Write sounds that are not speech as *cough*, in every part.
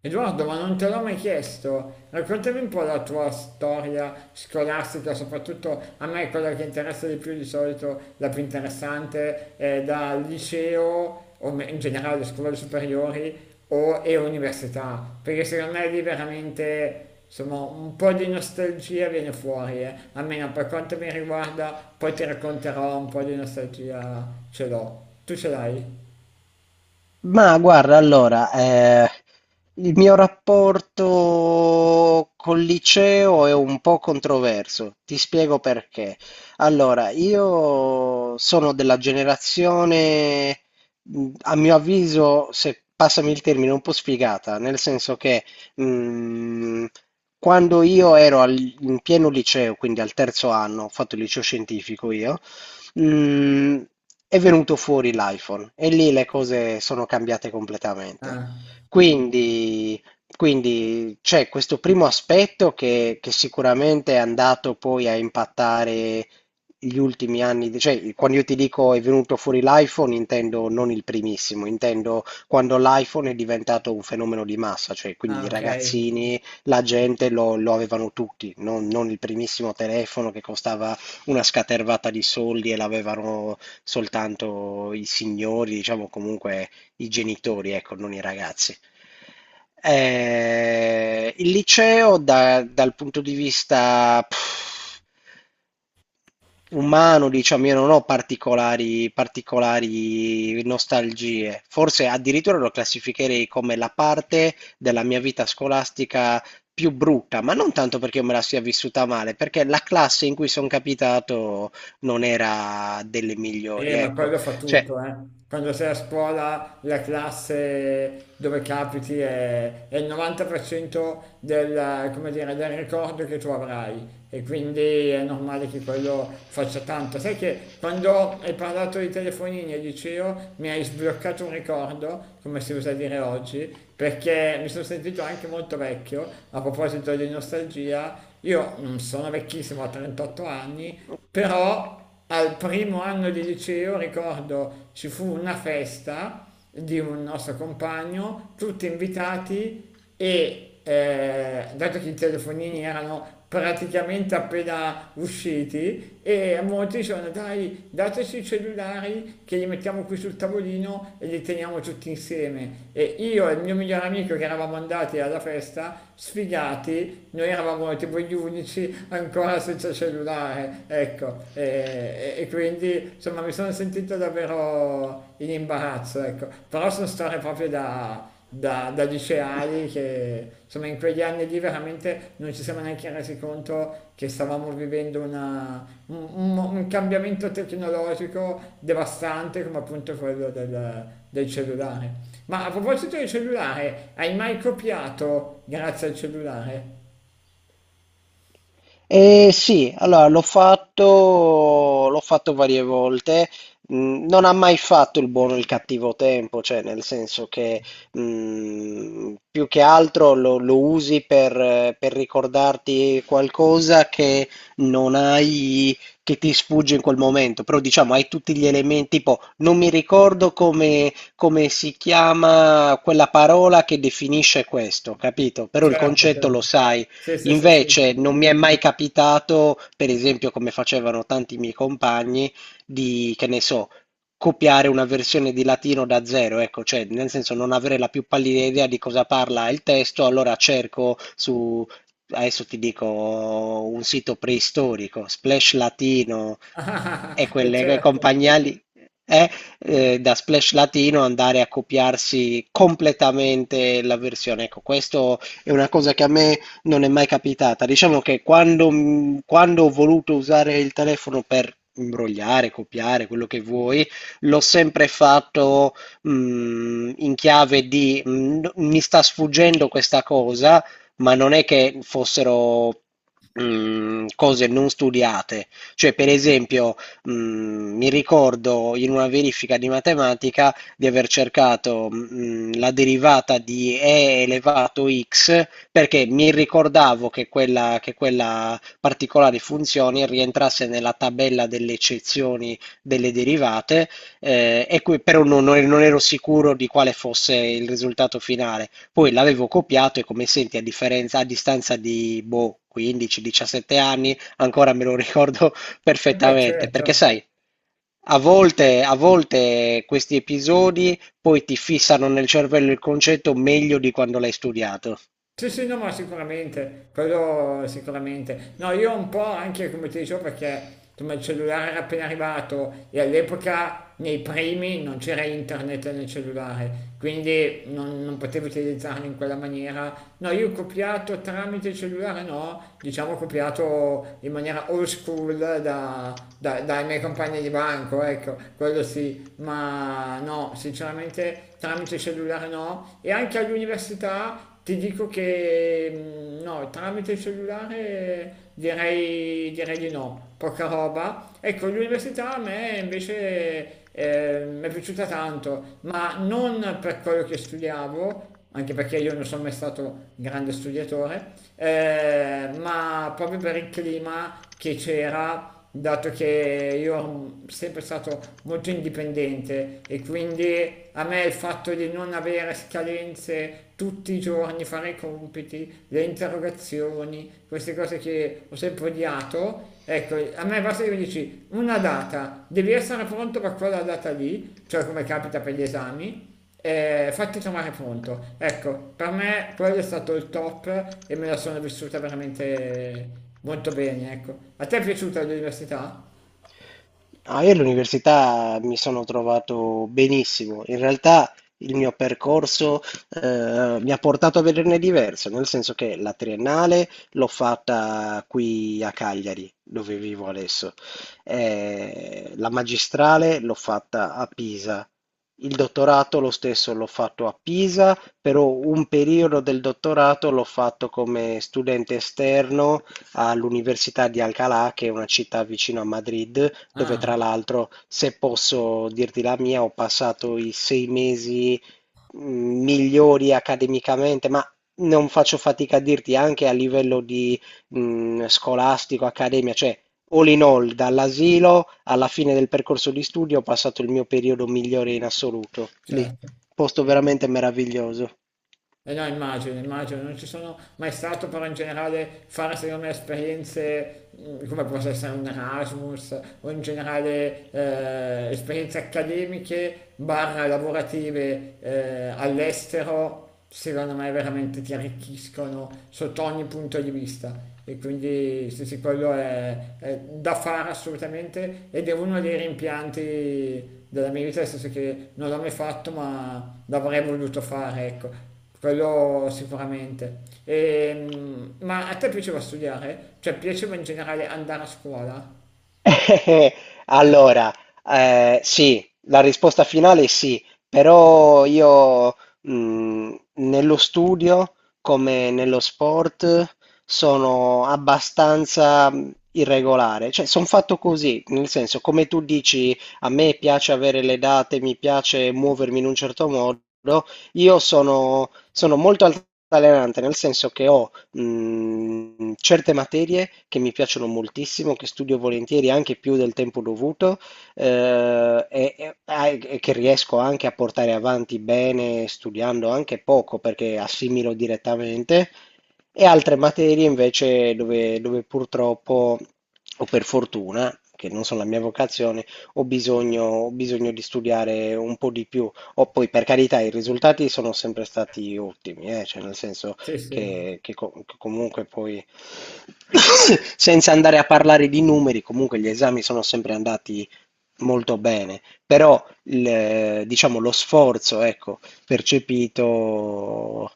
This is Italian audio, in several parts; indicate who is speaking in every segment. Speaker 1: Edoardo, ma non te l'ho mai chiesto, raccontami un po' la tua storia scolastica, soprattutto a me quella che interessa di più di solito, la più interessante, è da liceo, o me- in generale scuole superiori o, e università, perché secondo me lì veramente insomma, un po' di nostalgia viene fuori, eh. Almeno per quanto mi riguarda, poi ti racconterò, un po' di nostalgia ce l'ho. Tu ce l'hai?
Speaker 2: Ma guarda, allora, il mio rapporto col liceo è un po' controverso, ti spiego perché. Allora, io sono della generazione, a mio avviso, se passami il termine, un po' sfigata, nel senso che mh, quando io in pieno liceo, quindi al terzo anno, ho fatto il liceo scientifico io, mhmm, è venuto fuori l'iPhone e lì le cose sono cambiate completamente.
Speaker 1: Ah,
Speaker 2: Quindi, quindi, c'è questo primo aspetto che sicuramente è andato poi a impattare gli ultimi anni, cioè quando io ti dico è venuto fuori l'iPhone, intendo non il primissimo, intendo quando l'iPhone è diventato un fenomeno di massa, cioè quindi
Speaker 1: ah,
Speaker 2: i
Speaker 1: ok.
Speaker 2: ragazzini, la gente lo avevano tutti, non il primissimo telefono che costava una scatervata di soldi e l'avevano soltanto i signori, diciamo comunque i genitori, ecco, non i ragazzi. Il liceo dal punto di vista pff, umano, diciamo, io non ho particolari nostalgie. Forse addirittura lo classificherei come la parte della mia vita scolastica più brutta, ma non tanto perché io me la sia vissuta male, perché la classe in cui sono capitato non era delle migliori,
Speaker 1: Ma
Speaker 2: ecco.
Speaker 1: quello fa
Speaker 2: Cioè,
Speaker 1: tutto, eh. Quando sei a scuola, la classe dove capiti è il 90% del, come dire, del ricordo che tu avrai, e quindi è normale che quello faccia tanto. Sai che quando hai parlato di telefonini al liceo mi hai sbloccato un ricordo, come si usa dire oggi, perché mi sono sentito anche molto vecchio, a proposito di nostalgia, io non sono vecchissimo, ho 38 anni, però al primo anno di liceo, ricordo, ci fu una festa di un nostro compagno, tutti invitati e dato che i telefonini erano praticamente appena usciti e molti dicevano dai dateci i cellulari che li mettiamo qui sul tavolino e li teniamo tutti insieme, e io e il mio migliore amico che eravamo andati alla festa sfigati, noi eravamo tipo gli unici ancora *laughs* senza cellulare, ecco, e quindi insomma mi sono sentito davvero in imbarazzo, ecco, però sono storie proprio da, da, da liceali, che insomma in quegli anni lì veramente non ci siamo neanche resi conto che stavamo vivendo una, un mo- un cambiamento tecnologico devastante come appunto quello del, del cellulare. Ma a proposito del cellulare, hai mai copiato grazie al cellulare?
Speaker 2: eh, sì, allora l'ho fatto varie volte. Mm, non ha mai fatto il buono e il cattivo tempo, cioè nel senso che più che altro lo usi per ricordarti qualcosa che non hai, che ti sfugge in quel momento, però diciamo hai tutti gli elementi, tipo non mi ricordo come si chiama quella parola che definisce questo, capito? Però il
Speaker 1: Certo,
Speaker 2: concetto lo
Speaker 1: certo.
Speaker 2: sai.
Speaker 1: Sì, sì, sì, sì.
Speaker 2: Invece non mi è mai capitato, per esempio, come facevano tanti miei compagni, di, che ne so, copiare una versione di latino da zero, ecco, cioè nel senso non avere la più pallida idea di cosa parla il testo, allora cerco su, adesso ti dico, un sito preistorico, Splash Latino e
Speaker 1: *laughs* E
Speaker 2: quelle
Speaker 1: certo,
Speaker 2: compagnie lì, eh, da Splash Latino andare a copiarsi completamente la versione. Ecco, questo è una cosa che a me non è mai capitata. Diciamo che quando, quando ho voluto usare il telefono per imbrogliare, copiare, quello che vuoi, l'ho sempre fatto in chiave di mi sta sfuggendo questa cosa, ma non è che fossero cose non studiate. Cioè, per esempio, mi ricordo in una verifica di matematica di aver cercato la derivata di e elevato x perché mi ricordavo che quella particolare funzione rientrasse nella tabella delle eccezioni delle derivate e qui però non ero sicuro di quale fosse il risultato finale. Poi l'avevo copiato e come senti a differenza, a distanza di boh, 15-17 anni, ancora me lo *laughs* ricordo
Speaker 1: e beh
Speaker 2: perfettamente,
Speaker 1: certo.
Speaker 2: perché sai, a volte questi episodi poi ti fissano nel cervello il concetto meglio di quando l'hai studiato.
Speaker 1: Sì, sì, no, ma sicuramente, quello sicuramente. No, io un po', anche come ti dicevo, perché insomma il cellulare era appena arrivato e all'epoca nei primi non c'era internet nel cellulare, quindi non, non potevo utilizzarlo in quella maniera. No, io ho copiato tramite il cellulare, no, diciamo ho copiato in maniera old school da, da- dai miei compagni di banco, ecco, quello sì, ma no, sinceramente tramite cellulare no. E anche all'università ti dico che mm, no, tramite il cellulare direi, direi di no, poca roba. Ecco, l'università a me invece mi è piaciuta tanto, ma non per quello che studiavo, anche perché io non sono mai stato grande studiatore, ma proprio per il clima che c'era, dato che io sono sempre stato molto indipendente e quindi a me il fatto di non avere scadenze tutti i giorni, fare i compiti, le interrogazioni, queste cose che ho sempre odiato, ecco, a me basta che mi dici una data, devi essere pronto per quella data lì, cioè come capita per gli esami, fatti trovare pronto. Ecco, per me quello è stato il top e me la sono vissuta veramente molto bene, ecco. A te è piaciuta l'università?
Speaker 2: Ah, io all'università mi sono trovato benissimo. In realtà il mio percorso mi ha portato a vederne diverso, nel senso che la triennale l'ho fatta qui a Cagliari, dove vivo adesso. La magistrale l'ho fatta a Pisa. Il dottorato lo stesso l'ho fatto a Pisa, però un periodo del dottorato l'ho fatto come studente esterno all'Università di Alcalá, che è una città vicino a Madrid, dove tra
Speaker 1: Ah,
Speaker 2: l'altro, se posso dirti la mia, ho passato i sei mesi migliori accademicamente, ma non faccio fatica a dirti anche a livello di scolastico, accademia, cioè all in all, dall'asilo alla fine del percorso di studio ho passato il mio periodo migliore in assoluto, lì,
Speaker 1: certo.
Speaker 2: posto veramente meraviglioso.
Speaker 1: E eh no, immagino, immagino, non ci sono mai stato, però in generale fare secondo me esperienze come possa essere un Erasmus o in generale esperienze accademiche barra lavorative all'estero, secondo me veramente ti arricchiscono sotto ogni punto di vista. E quindi sì, sì, quello è da fare assolutamente, ed è uno dei rimpianti della mia vita, nel senso che non l'ho mai fatto, ma l'avrei voluto fare, ecco. Quello sicuramente. Ma a te piaceva studiare? Cioè, piaceva in generale andare a scuola?
Speaker 2: *laughs* Eh, allora, sì, la risposta finale è sì, però io nello studio come nello sport sono abbastanza irregolare, cioè sono fatto così, nel senso come tu dici a me piace avere le date, mi piace muovermi in un certo modo, io sono molto altalenante, nel senso che ho certe materie che mi piacciono moltissimo, che studio volentieri anche più del tempo dovuto e che riesco anche a portare avanti bene studiando anche poco perché assimilo direttamente, e altre materie invece dove purtroppo o per fortuna, che non sono la mia vocazione, ho bisogno di studiare un po' di più. O poi, per carità, i risultati sono sempre stati ottimi, eh. Cioè, nel senso,
Speaker 1: Sì, sì.
Speaker 2: che comunque poi, *coughs* senza andare a parlare di numeri, comunque gli esami sono sempre andati molto bene, però diciamo lo sforzo, ecco, percepito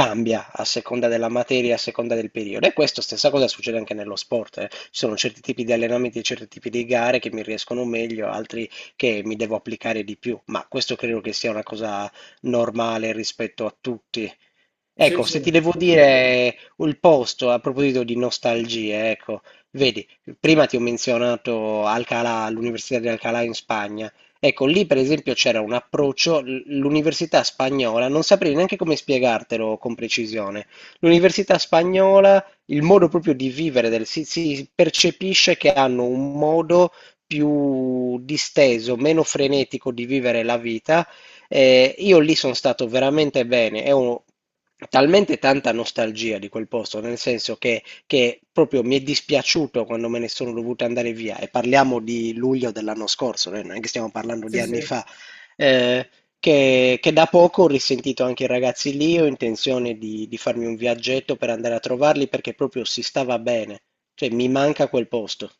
Speaker 2: cambia a seconda della materia, a seconda del periodo. E questo stessa cosa succede anche nello sport. Eh, ci sono certi tipi di allenamenti e certi tipi di gare che mi riescono meglio, altri che mi devo applicare di più. Ma questo credo che sia una cosa normale rispetto a tutti.
Speaker 1: Sì,
Speaker 2: Ecco, se
Speaker 1: sì.
Speaker 2: ti devo
Speaker 1: Sì,
Speaker 2: dire il posto a proposito di nostalgie, ecco, vedi, prima ti ho menzionato Alcalá, l'Università di Alcalá in Spagna. Ecco, lì per esempio c'era un approccio, l'università spagnola, non saprei neanche come spiegartelo con precisione. L'università spagnola, il modo proprio di vivere, si, si percepisce che hanno un modo più disteso, meno frenetico di vivere la vita. Io lì sono stato veramente bene, talmente tanta nostalgia di quel posto, nel senso che proprio mi è dispiaciuto quando me ne sono dovuto andare via, e parliamo di luglio dell'anno scorso, non è che stiamo parlando di
Speaker 1: sì.
Speaker 2: anni
Speaker 1: Sì.
Speaker 2: fa, eh, che da poco ho risentito anche i ragazzi lì, ho intenzione di farmi un viaggetto per andare a trovarli perché proprio si stava bene, cioè mi manca quel posto.